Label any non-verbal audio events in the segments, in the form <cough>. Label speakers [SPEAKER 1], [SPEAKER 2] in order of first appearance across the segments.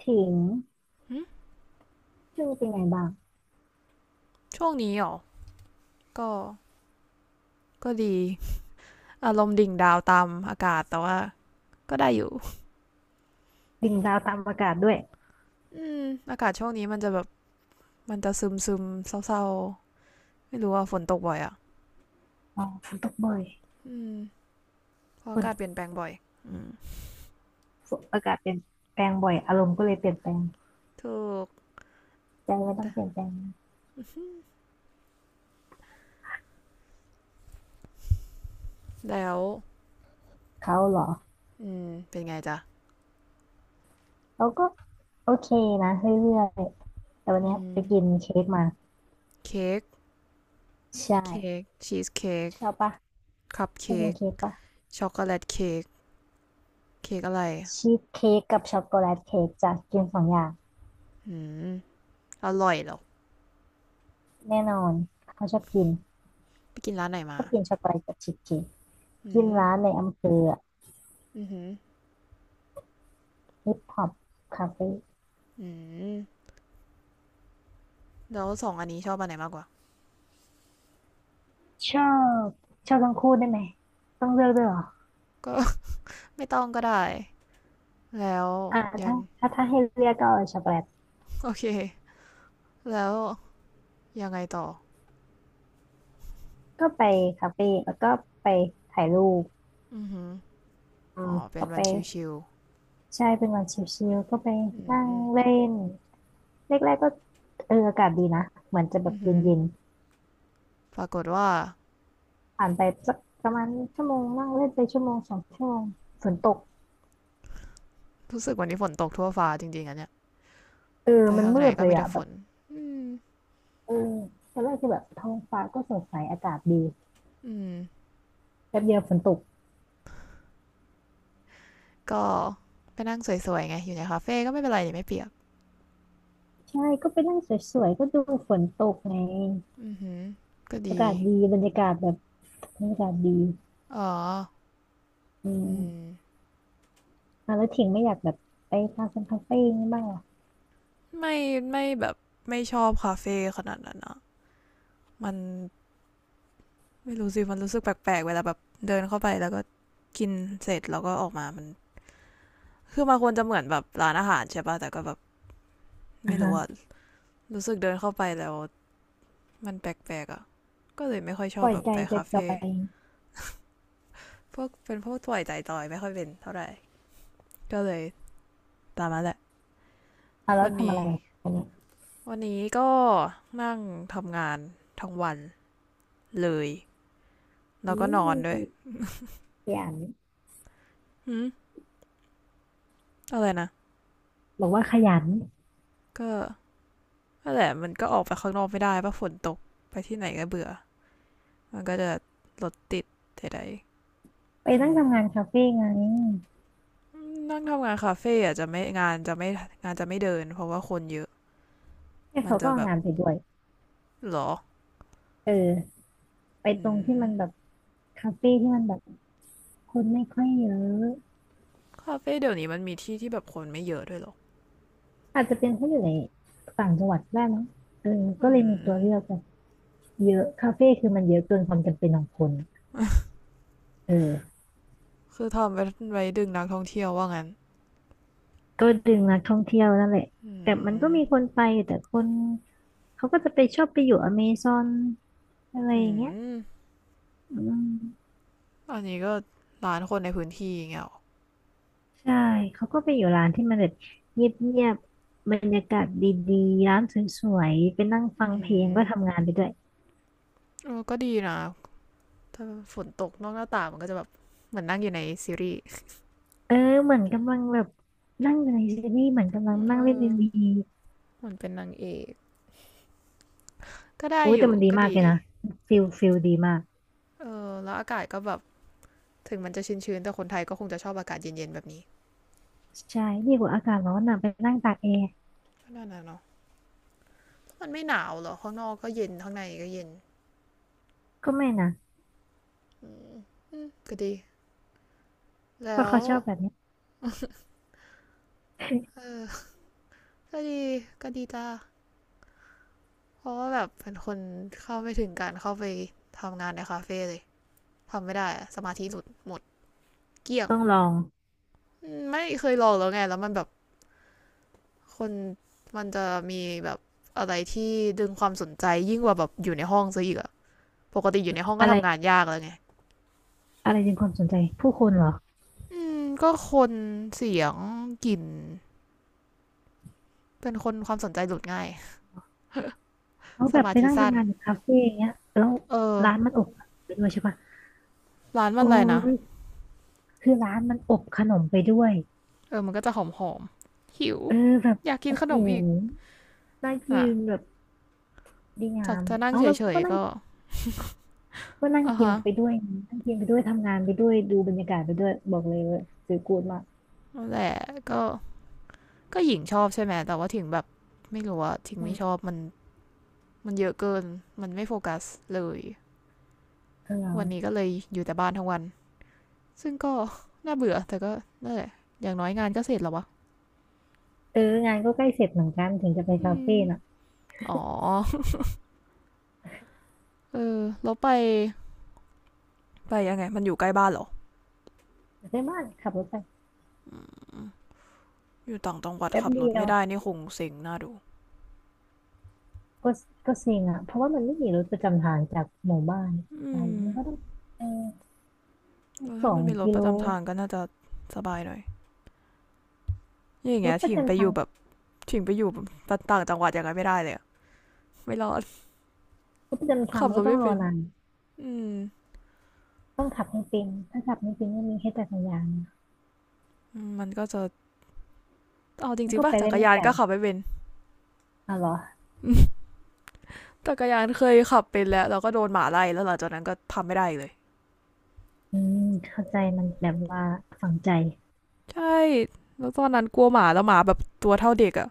[SPEAKER 1] ถิงชื่อเป็นไงบ้าง
[SPEAKER 2] ช่วงนี้หรอก็ก็ดี อารมณ์ดิ่งดาวตามอากาศแต่ว่าก็ได้อยู่
[SPEAKER 1] ดิ่งดาวตามอากาศด้วย
[SPEAKER 2] อืมอากาศช่วงนี้มันจะแบบ มันจะซึมเศร้าๆ ไม่รู้ว่าฝนตกบ่อยอ่ะ
[SPEAKER 1] อ๋อฝนตกบ่อย
[SPEAKER 2] อืม เพราะ
[SPEAKER 1] ฝ
[SPEAKER 2] อากาศเปลี่ยน
[SPEAKER 1] น
[SPEAKER 2] แปลงบ่อย อืม
[SPEAKER 1] ฝนอากาศเปลี่ยนแปลงบ่อยอารมณ์ก็เลยเปลี่ยนแปลง
[SPEAKER 2] ถูก
[SPEAKER 1] ใจไม่ต้อง
[SPEAKER 2] แต่
[SPEAKER 1] เปลี่ยนแปลงนะ
[SPEAKER 2] แล้ว
[SPEAKER 1] เขาเหรอ
[SPEAKER 2] อืม เป็นไงจ๊ะ
[SPEAKER 1] เขาก็โอเคนะเรื่อยๆแต่วัน
[SPEAKER 2] อื
[SPEAKER 1] เนี้ย
[SPEAKER 2] ม
[SPEAKER 1] ไปกินเค้กมา
[SPEAKER 2] เค้ก
[SPEAKER 1] ใช่
[SPEAKER 2] เค้กชีสเค้ก
[SPEAKER 1] ชอบปะ
[SPEAKER 2] คัพ
[SPEAKER 1] ชอบ
[SPEAKER 2] เค้
[SPEAKER 1] กิน
[SPEAKER 2] ก
[SPEAKER 1] เค้กปะ
[SPEAKER 2] ช็อกโกแลตเค้กเค้กอะไร
[SPEAKER 1] ชีสเค้กกับช็อกโกแลตเค้กจะกิน2 อย่าง
[SPEAKER 2] อืม อร่อยเหรอ
[SPEAKER 1] แน่นอนเขาชอบกิน
[SPEAKER 2] ไปกินร้านไหน
[SPEAKER 1] ช
[SPEAKER 2] มา
[SPEAKER 1] อบกินช็อกโกแลตกับชีสเค้ก
[SPEAKER 2] อื
[SPEAKER 1] กิน
[SPEAKER 2] ม
[SPEAKER 1] ร้านในอำเภอ
[SPEAKER 2] อืม
[SPEAKER 1] ฮิปฮอปคาเฟ่
[SPEAKER 2] อืม แล้วสองอันนี้ชอบอันไหนมากกว่า
[SPEAKER 1] ชอบชอบทั้งคู่ได้ไหมต้องเลือกด้วยเหรอ
[SPEAKER 2] ก็ <laughs> ไม่ต้องก็ได้แล้วยัง
[SPEAKER 1] ถ้าถ้าให้เลือกก็เอาช็อกโกแลต
[SPEAKER 2] <laughs> โอเคแล้วยังไงต่อ
[SPEAKER 1] ก็ไปคาเฟ่แล้วก็ไปถ่ายรูป
[SPEAKER 2] อือหือ
[SPEAKER 1] อื
[SPEAKER 2] อ๋
[SPEAKER 1] ม
[SPEAKER 2] อเป็
[SPEAKER 1] ก็
[SPEAKER 2] น
[SPEAKER 1] ไป
[SPEAKER 2] วันชิว
[SPEAKER 1] ใช่เป็นวันชิลๆก็ไป
[SPEAKER 2] ๆอืม
[SPEAKER 1] นั่ง
[SPEAKER 2] อื
[SPEAKER 1] เล่นแรกๆก็อากาศดีนะเหมือนจะแบบ
[SPEAKER 2] อ
[SPEAKER 1] เ
[SPEAKER 2] หือ
[SPEAKER 1] ย็น
[SPEAKER 2] ปรากฏว่า
[SPEAKER 1] ๆผ่านไปสักประมาณชั่วโมงนั่งเล่นไปชั่วโมง 2 ชั่วโมงฝนตก
[SPEAKER 2] รู้สึกวันนี้ฝนตกทั่วฟ้าจริงๆอันเนี้ย
[SPEAKER 1] เออ
[SPEAKER 2] ไป
[SPEAKER 1] มัน
[SPEAKER 2] ข้าง
[SPEAKER 1] มื
[SPEAKER 2] ไหน
[SPEAKER 1] ด
[SPEAKER 2] ก็
[SPEAKER 1] เลย
[SPEAKER 2] มี
[SPEAKER 1] อ่ะ
[SPEAKER 2] แต่ฝ
[SPEAKER 1] แบบ
[SPEAKER 2] นอืม
[SPEAKER 1] เออตอนแรกคือแบบท้องฟ้าก็สดใสอากาศดี
[SPEAKER 2] อืม
[SPEAKER 1] แป๊บเดียวฝนตก
[SPEAKER 2] ก็ไปนั่งสวยๆไงอยู่ในคาเฟ่ก็ไม่เป็นไรเนี่ยไม่เปียก
[SPEAKER 1] ใช่ก็ไปนั่งสวยๆก็ดูฝนตกไง
[SPEAKER 2] อือหือก็
[SPEAKER 1] อา
[SPEAKER 2] ดี
[SPEAKER 1] กาศดีบรรยากาศแบบบรรยากาศดี
[SPEAKER 2] อ๋อ
[SPEAKER 1] อืม
[SPEAKER 2] อืม
[SPEAKER 1] อ่ะแล้วถิงไม่อยากแบบไปคาเฟ่คาเฟ่ย่งนี้บ้างเหรอ
[SPEAKER 2] ไม่ไม่แบบไม่ชอบคาเฟ่ขนาดนั้นอะมัน ไม่รู้สิมันรู้สึกแปลกๆเวลาแบบเดินเข้าไปแล้วก็กินเสร็จแล้วก็ออกมามันคือมันควรจะเหมือนแบบร้านอาหารใช่ป่ะแต่ก็แบบ
[SPEAKER 1] อ่า
[SPEAKER 2] ไม่รู้
[SPEAKER 1] ฮะ
[SPEAKER 2] ว่ารู้สึกเดินเข้าไปแล้วมันแปลกๆอะก็เลยไม่ค่อยช
[SPEAKER 1] ป
[SPEAKER 2] อบ
[SPEAKER 1] ล่อย
[SPEAKER 2] แบบ
[SPEAKER 1] ใจ
[SPEAKER 2] ไป
[SPEAKER 1] จ
[SPEAKER 2] คา
[SPEAKER 1] อ
[SPEAKER 2] เฟ่
[SPEAKER 1] ย
[SPEAKER 2] พวกเป็นพวกถ่วยใจจอยไม่ค่อยเป็นเท่าไหร่ก็เลยตามมาแหละ
[SPEAKER 1] ๆอ่ะแล้
[SPEAKER 2] วั
[SPEAKER 1] ว
[SPEAKER 2] น
[SPEAKER 1] ทำอะ
[SPEAKER 2] นี้
[SPEAKER 1] ไรกันเนี่ย
[SPEAKER 2] วันนี้ก็นั่งทำงานทั้งวันเลยแล้
[SPEAKER 1] อื
[SPEAKER 2] วก็นอนด้วย
[SPEAKER 1] มขยัน
[SPEAKER 2] หืมอะไรนะ
[SPEAKER 1] บอกว่าขยัน
[SPEAKER 2] ก็นั่นแหละมันก็ออกไปข้างนอกไม่ได้ป่ะฝนตกไปที่ไหนก็เบื่อ มันก็จะรถติดใด
[SPEAKER 1] ไป
[SPEAKER 2] ๆอื
[SPEAKER 1] นั่ง
[SPEAKER 2] ม
[SPEAKER 1] ทำงานคาเฟ่ไง
[SPEAKER 2] นั่งทำงานคาเฟ่อาจจะไม่งานจะไม่เดินเพราะว่าคนเยอะ
[SPEAKER 1] เนี่ย
[SPEAKER 2] มัน
[SPEAKER 1] เขา
[SPEAKER 2] จะ
[SPEAKER 1] ก็
[SPEAKER 2] แบ
[SPEAKER 1] เอา
[SPEAKER 2] บ
[SPEAKER 1] งานไปด้วย
[SPEAKER 2] หรอ
[SPEAKER 1] เออไป
[SPEAKER 2] อื
[SPEAKER 1] ตรงที่
[SPEAKER 2] ม
[SPEAKER 1] มันแบบคาเฟ่ที่มันแบบคนไม่ค่อยเยอะ
[SPEAKER 2] คาเฟ่เดี๋ยวนี้มันมีที่ที่แบบคนไม่เยอะด้วยหรอ
[SPEAKER 1] อาจจะเป็นเพราะอยู่ในต่างจังหวัดได้มั้งเออก็
[SPEAKER 2] อื
[SPEAKER 1] เลยมีตัวเลือ
[SPEAKER 2] ม
[SPEAKER 1] กแบบเยอะคาเฟ่คือมันเยอะเกินความจำเป็นของคนเออ
[SPEAKER 2] คือทำไว้ไว้ดึงนักท่องเที่ยวว่างั้น
[SPEAKER 1] ก็ดึงนักท่องเที่ยวนั่นแหละ
[SPEAKER 2] อื
[SPEAKER 1] แต่มันก็
[SPEAKER 2] ม
[SPEAKER 1] มีคนไปแต่คน เขาก็จะไปชอบไปอยู่อเมซอนอะไรอ
[SPEAKER 2] อื
[SPEAKER 1] ย่างเงี้ย
[SPEAKER 2] ม
[SPEAKER 1] อืม
[SPEAKER 2] อันนี้ก็ร้านคนในพื้นที่อย่างเงี้ยหรอ
[SPEAKER 1] ใช่เขาก็ไปอยู่ร้านที่มันแบบเงียบๆบรรยากาศดีๆร้านสวยๆไปนั่งฟัง
[SPEAKER 2] อื
[SPEAKER 1] เพลงก็
[SPEAKER 2] ม
[SPEAKER 1] ทำงานไปด้วย
[SPEAKER 2] เออก็ดีนะถ้าฝนตกนอกหน้าต่างมันก็จะแบบเหมือนนั่งอยู่ในซีรีส์
[SPEAKER 1] เออเหมือนกำลังแบบนั่งอยู่ในซีรีส์เหมือนกำลัง
[SPEAKER 2] เอ
[SPEAKER 1] นั่งเล่นเอ็
[SPEAKER 2] อ
[SPEAKER 1] มวี
[SPEAKER 2] เหมือนเป็นนางเอก ก็ได้
[SPEAKER 1] โอ้ย
[SPEAKER 2] อ
[SPEAKER 1] แต่
[SPEAKER 2] ยู่
[SPEAKER 1] มันดี
[SPEAKER 2] ก็
[SPEAKER 1] มาก
[SPEAKER 2] ดี
[SPEAKER 1] เลย
[SPEAKER 2] นี่
[SPEAKER 1] นะฟิลฟิลดีมาก
[SPEAKER 2] เออแล้วอากาศก็แบบถึงมันจะชื้นๆแต่คนไทยก็คงจะชอบอากาศเย็นๆแบบนี้
[SPEAKER 1] ใช่ดีกว่าอากาศร้อนนะไปนั่งตากแอร์
[SPEAKER 2] ก็นั่นนะเนาะมันไม่หนาวหรอข้างนอกก็เย็นข้างในก็เย็น
[SPEAKER 1] ก็ไม่นะ
[SPEAKER 2] อืมอืมก็ดี
[SPEAKER 1] เพ
[SPEAKER 2] แล้
[SPEAKER 1] ราะ
[SPEAKER 2] ว
[SPEAKER 1] เขาชอบแบบนี้
[SPEAKER 2] เออก็ดีก็ดีจ้าเพราะว่าแบบเป็นคนเข้าไม่ถึงการเข้าไปทำงานในคาเฟ่เลยทำไม่ได้สมาธิหลุดหมดเกลี้ยง
[SPEAKER 1] ต้องลอง
[SPEAKER 2] ไม่เคยลองแล้วไงแล้วมันแบบคนมันจะมีแบบอะไรที่ดึงความสนใจยิ่งกว่าแบบอยู่ในห้องซะอีกอะ ปกติอยู่ในห้องก็
[SPEAKER 1] อะไร
[SPEAKER 2] ทำงานยากแล้วไง
[SPEAKER 1] อะไรดึงความสนใจผู้คนเหรอ
[SPEAKER 2] อืมก็คนเสียงกลิ่นเป็นคนความสนใจหลุดง่าย
[SPEAKER 1] เขา
[SPEAKER 2] ส
[SPEAKER 1] แบบ
[SPEAKER 2] มา
[SPEAKER 1] ไป
[SPEAKER 2] ธิ
[SPEAKER 1] นั่ง
[SPEAKER 2] สั้น
[SPEAKER 1] ทำงานอยู่คาเฟ่อย่างเงี้ยแล้ว
[SPEAKER 2] เออ
[SPEAKER 1] ร้านมันอบขนมไปด้วยใช่ปะ
[SPEAKER 2] ร้านมัน
[SPEAKER 1] โอ้
[SPEAKER 2] อะไรนะ
[SPEAKER 1] ยคือร้านมันอบขนมไปด้วย
[SPEAKER 2] เออมันก็จะหอมหอมๆหิว
[SPEAKER 1] เออแบบ
[SPEAKER 2] อยากกิน
[SPEAKER 1] โอ้
[SPEAKER 2] ข
[SPEAKER 1] โห
[SPEAKER 2] นมอีก
[SPEAKER 1] น่ากิ
[SPEAKER 2] นะ
[SPEAKER 1] นแบบดีงา
[SPEAKER 2] จาก
[SPEAKER 1] ม
[SPEAKER 2] จะนั่ง
[SPEAKER 1] เอา
[SPEAKER 2] เฉ
[SPEAKER 1] แล้ว
[SPEAKER 2] ย
[SPEAKER 1] ก็
[SPEAKER 2] ๆ
[SPEAKER 1] นั่ง
[SPEAKER 2] ก็
[SPEAKER 1] ก็นั่ง
[SPEAKER 2] อ่ะ
[SPEAKER 1] กิน
[SPEAKER 2] ฮะ
[SPEAKER 1] ไปด้วยนะนั่งกินไปด้วยทำงานไปด้วยดูบรรยากาศไปด้วยบอกเลยว่าซื้อกูดมาก
[SPEAKER 2] แต่และก็ก็หญิงชอบใช่ไหม แต่ว่าถึงแบบไม่รู้ว่าถึง
[SPEAKER 1] อื
[SPEAKER 2] ไม่ชอ
[SPEAKER 1] ม
[SPEAKER 2] บมันมันเยอะเกินมันไม่โฟกัสเลย
[SPEAKER 1] เ
[SPEAKER 2] วันนี้
[SPEAKER 1] ออ
[SPEAKER 2] ก็เลยอยู่แต่บ้านทั้งวันซึ่งก็น่าเบื่อแต่ก็นั่นแหละอย่างน้อยงานก็เสร็จแล้ววะ
[SPEAKER 1] เอองานก็ใกล้เสร็จเหมือนกันถึงจะไป
[SPEAKER 2] อื
[SPEAKER 1] คา
[SPEAKER 2] ม
[SPEAKER 1] เฟ่น่ะ
[SPEAKER 2] อ๋อ <laughs> เออแล้วไปยังไงมันอยู่ใกล้บ้านเหรอ
[SPEAKER 1] ไปบ้านขับรถไป
[SPEAKER 2] อยู่ต่างจังหวัด
[SPEAKER 1] แป๊บ
[SPEAKER 2] ขับร
[SPEAKER 1] เดี
[SPEAKER 2] ถ
[SPEAKER 1] ย
[SPEAKER 2] ไม่
[SPEAKER 1] ว
[SPEAKER 2] ได้นี่คงเซ็งน่าดู
[SPEAKER 1] ก็ก็เซ็งอ่ะเพราะว่ามันไม่มีรถประจำทางจากหมู่บ้าน
[SPEAKER 2] อื
[SPEAKER 1] ไป
[SPEAKER 2] ม
[SPEAKER 1] มันก็ต้องเออต้อง
[SPEAKER 2] แล้ว
[SPEAKER 1] ส
[SPEAKER 2] ถ้า
[SPEAKER 1] อ
[SPEAKER 2] มั
[SPEAKER 1] ง
[SPEAKER 2] นมีรถ
[SPEAKER 1] กิ
[SPEAKER 2] ป
[SPEAKER 1] โล
[SPEAKER 2] ระจำทางก็น่าจะสบายหน่อยอย่าง
[SPEAKER 1] ร
[SPEAKER 2] เงี้
[SPEAKER 1] ถ
[SPEAKER 2] ย
[SPEAKER 1] ประ
[SPEAKER 2] ถิงไป
[SPEAKER 1] จำ
[SPEAKER 2] อ
[SPEAKER 1] ทา
[SPEAKER 2] ยู่
[SPEAKER 1] ง
[SPEAKER 2] แบบถิงไปอยู่แบบต่างจังหวัดอย่างไรไม่ได้เลยไม่รอด
[SPEAKER 1] รถประจำ
[SPEAKER 2] <laughs>
[SPEAKER 1] ทาง
[SPEAKER 2] ขับ
[SPEAKER 1] มัน
[SPEAKER 2] ร
[SPEAKER 1] ก็
[SPEAKER 2] ถ
[SPEAKER 1] ต้อง
[SPEAKER 2] ไม่
[SPEAKER 1] รอ
[SPEAKER 2] เป็น
[SPEAKER 1] นาน
[SPEAKER 2] อืม
[SPEAKER 1] ต้องขับให้เป็นถ้าขับไม่เป็นก็มีให้แค่จักรยานนะ
[SPEAKER 2] มันก็จะเอาจ
[SPEAKER 1] มัน
[SPEAKER 2] ริง
[SPEAKER 1] ก็
[SPEAKER 2] ๆป่ะ
[SPEAKER 1] ไป
[SPEAKER 2] จั
[SPEAKER 1] ได้
[SPEAKER 2] กร
[SPEAKER 1] ไม่
[SPEAKER 2] ยา
[SPEAKER 1] ไก
[SPEAKER 2] น
[SPEAKER 1] ล
[SPEAKER 2] ก็ขับไม่เป็น
[SPEAKER 1] อ๋อเหรอ
[SPEAKER 2] จักรยานเคยขับเป็นแล้วเราก็โดนหมาไล่แล้วหลังจากนั้นก็ทำไม่ได้เลย
[SPEAKER 1] อืมเข้าใจมันแบบว่าฝังใจ
[SPEAKER 2] ใช่แล้วตอนนั้นกลัวหมาแล้วหมาแบบตัวเท่าเด็กอะ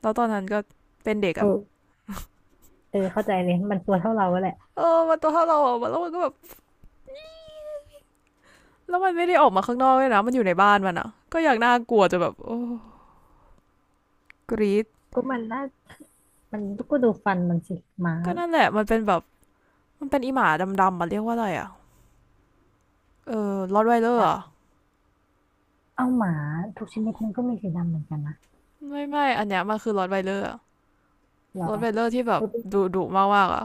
[SPEAKER 2] แล้วตอนนั้นก็เป็นเด็ก
[SPEAKER 1] เอ
[SPEAKER 2] อะ
[SPEAKER 1] อเออเข้าใจเลยมันตัวเท่าเราแหละ
[SPEAKER 2] เออมันตัวเท่าเราอะแล้วมันก็แบบแล้วมันไม่ได้ออกมาข้างนอกเลยนะมันอยู่ในบ้านมันอะก็อย่างน่ากลัวจะแบบโอ้กรีด
[SPEAKER 1] ก็มันน่ามันก็ดูฟันมันสิหมา
[SPEAKER 2] ก็
[SPEAKER 1] น่ะ
[SPEAKER 2] นั่นแหละมันเป็นแบบมันเป็นอีหมาดำๆมันเรียกว่าอะไรอะเออรอดไวเลอ
[SPEAKER 1] นั
[SPEAKER 2] ร์
[SPEAKER 1] ก
[SPEAKER 2] อะ
[SPEAKER 1] เอาหมาทุกชนิดมันก็มีสีดำเหมือนกันนะ
[SPEAKER 2] ไม่อันเนี้ยมันคือรอดไวเลอร์
[SPEAKER 1] เหรอ
[SPEAKER 2] รอดไวเลอร์ที่แบ
[SPEAKER 1] เอ
[SPEAKER 2] บ
[SPEAKER 1] อเป็น
[SPEAKER 2] ดุดุมากมากอ่ะ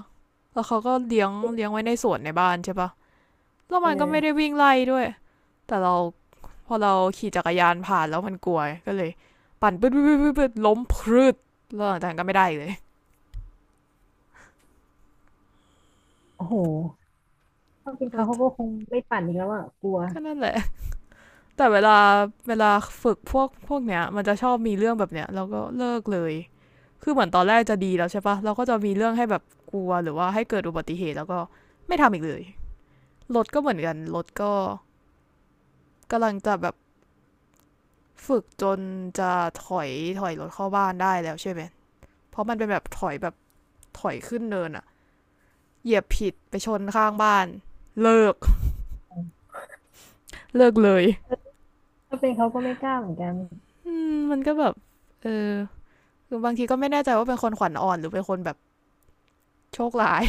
[SPEAKER 2] แล้วเขาก็เลี้ยง
[SPEAKER 1] เป็น
[SPEAKER 2] เลี้ยงไว้ในสวนในบ้านใช่ปะแล้ว
[SPEAKER 1] เอ
[SPEAKER 2] มันก็ไม่ได้
[SPEAKER 1] อ
[SPEAKER 2] วิ่งไล่ด้วยแต่เราพอเราขี่จักรยานผ่านแล้วมันกลัวก็เลยปั่นปึ๊ดปึ๊ดปึ๊ด๊ดล้มพรืดแล้วหลังจากนั้นก็ไม่ได้เลย
[SPEAKER 1] โอ้โหถ้าเป็นเขาเขาก็คงไม่ปั่นอีกแล้วอ่ะกลัว
[SPEAKER 2] ก็นั่นแหละ แต่เวลาฝึกพวกเนี้ยมันจะชอบมีเรื่องแบบเนี้ยแล้วก็เลิกเลยคือเหมือนตอนแรกจะดีแล้วใช่ปะเราก็จะมีเรื่องให้แบบกลัวหรือว่าให้เกิดอุบัติเหตุแล้วก็ไม่ทำอีกเลยรถก็เหมือนกันรถก็กำลังจะแบบฝึกจนจะถอยถอยรถเข้าบ้านได้แล้วใช่ไหมเพราะมันเป็นแบบถอยแบบถอยขึ้นเนินอะเหยียบผิดไปชนข้างบ้านเลิกเลิกเลย
[SPEAKER 1] เออถ้าเป็นเขาก็ไม่กล้าเหมือนกัน
[SPEAKER 2] มันก็แบบเออือบางทีก็ไม่แน่ใจว่าเป็นคนขวัญอ่อนหรือเป็นคนแบบโชคร้าย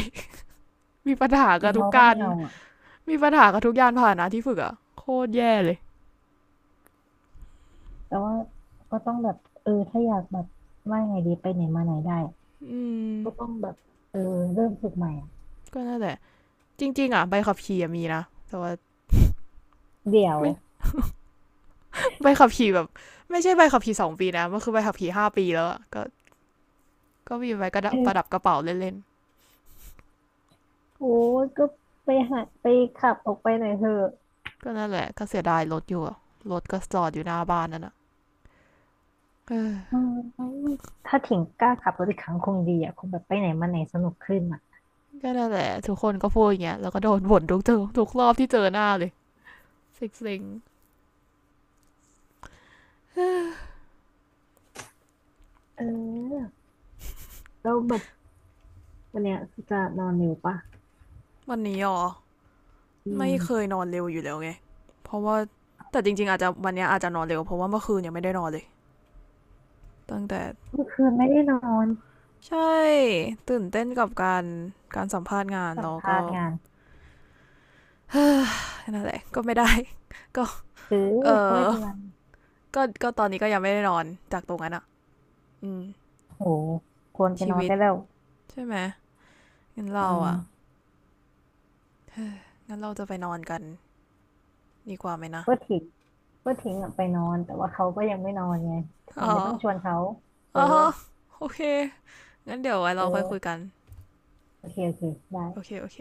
[SPEAKER 2] มีปัญหา
[SPEAKER 1] เป็
[SPEAKER 2] กั
[SPEAKER 1] น
[SPEAKER 2] บทุ
[SPEAKER 1] เขา
[SPEAKER 2] ก
[SPEAKER 1] ก็
[SPEAKER 2] กา
[SPEAKER 1] ไม่
[SPEAKER 2] ร
[SPEAKER 1] เอา
[SPEAKER 2] มีปัญหากับทุกยานพาหนะที่ฝึกอะโคตรแย่เลย
[SPEAKER 1] แต่ว่าก็ต้องแบบเออถ้าอยากแบบว่าไงดีไปไหนมาไหนได้
[SPEAKER 2] อืม
[SPEAKER 1] ก็ต้องแบบเออเริ่มฝึกใหม่อะ
[SPEAKER 2] ก็นั่นแหละจริงๆอะใบขับขี่มีนะแต่ว่า
[SPEAKER 1] เดี๋ยว
[SPEAKER 2] ไม่ใบขับขี่แบบไม่ใช่ใบขับขี่สองปีนะมันคือใบขับขี่ห้าปีแล้วก็ก็มีใบกระดัประดับ
[SPEAKER 1] เออ
[SPEAKER 2] กระเป๋าเล่น
[SPEAKER 1] โอ้ยก็ไปหาไปขับออกไปหน่อยเถอะ
[SPEAKER 2] ๆก็นั่นแหละก็เสียดายรถอยู่อะรถก็จอดอยู่หน้าบ้านนั่นอะ <sighs>
[SPEAKER 1] เ
[SPEAKER 2] เออ
[SPEAKER 1] ออถ้าถิงกล้าขับรถอีกครั้งคงดีอ่ะคงแบบไปไหนมาไหนสนุกขึ้นอ่ะ
[SPEAKER 2] ก็นั่นแหละทุกคนก็พูดอย่างเงี้ยแล้วก็โดนบ่นทุกเจอทุกรอบที่เจอหน้าเลยสิซิง
[SPEAKER 1] เออแล้วแบบวันเนี้ยจะนอนเร็วปะ
[SPEAKER 2] ๆวันนี้อ๋อ
[SPEAKER 1] อื
[SPEAKER 2] ไม่
[SPEAKER 1] ม
[SPEAKER 2] เคยนอนเร็วอยู่แล้วไงเพราะว่าแต่จริงๆอาจจะวันเนี้อาจจะนอนเร็วเพราะว่าเมื่อคืนยังไม่ได้นอนเลยตั้งแต่
[SPEAKER 1] เมื่อคืนไม่ได้นอน
[SPEAKER 2] ใช่ตื่นเต้นกับการสัมภาษณ์งาน
[SPEAKER 1] สัม
[SPEAKER 2] แล้ว
[SPEAKER 1] ภา
[SPEAKER 2] ก็
[SPEAKER 1] ษณ์งาน
[SPEAKER 2] นั่นแหละก็ไม่ได้ <laughs> ก็
[SPEAKER 1] เออ
[SPEAKER 2] เอ
[SPEAKER 1] ก็ไม่
[SPEAKER 2] อ
[SPEAKER 1] เป็นไร
[SPEAKER 2] ก็ตอนนี้ก็ยังไม่ได้นอนจากตรงนั้นอ่ะอืม
[SPEAKER 1] โหควรไป
[SPEAKER 2] ชี
[SPEAKER 1] นอน
[SPEAKER 2] วิต
[SPEAKER 1] ได้แล้ว
[SPEAKER 2] ใช่ไหมงั้น
[SPEAKER 1] อื
[SPEAKER 2] เราอ่ะ
[SPEAKER 1] ม
[SPEAKER 2] งั้นเราจะไปนอนกันดีกว่าไหมนะ
[SPEAKER 1] ก็ทิ้งก็ทิ้งอะไปนอน แต่ว่าเขาก็ยังไม่นอนไงถึ
[SPEAKER 2] อ๋
[SPEAKER 1] ง
[SPEAKER 2] อ
[SPEAKER 1] ไม่ต้องชวนเขา เอ
[SPEAKER 2] อ๋
[SPEAKER 1] อ
[SPEAKER 2] อโอเคงั้นเดี๋ยวไว้
[SPEAKER 1] เอ
[SPEAKER 2] เราค่อยคุ
[SPEAKER 1] อ
[SPEAKER 2] ยกัน
[SPEAKER 1] โอเคโอเคได้
[SPEAKER 2] โอเค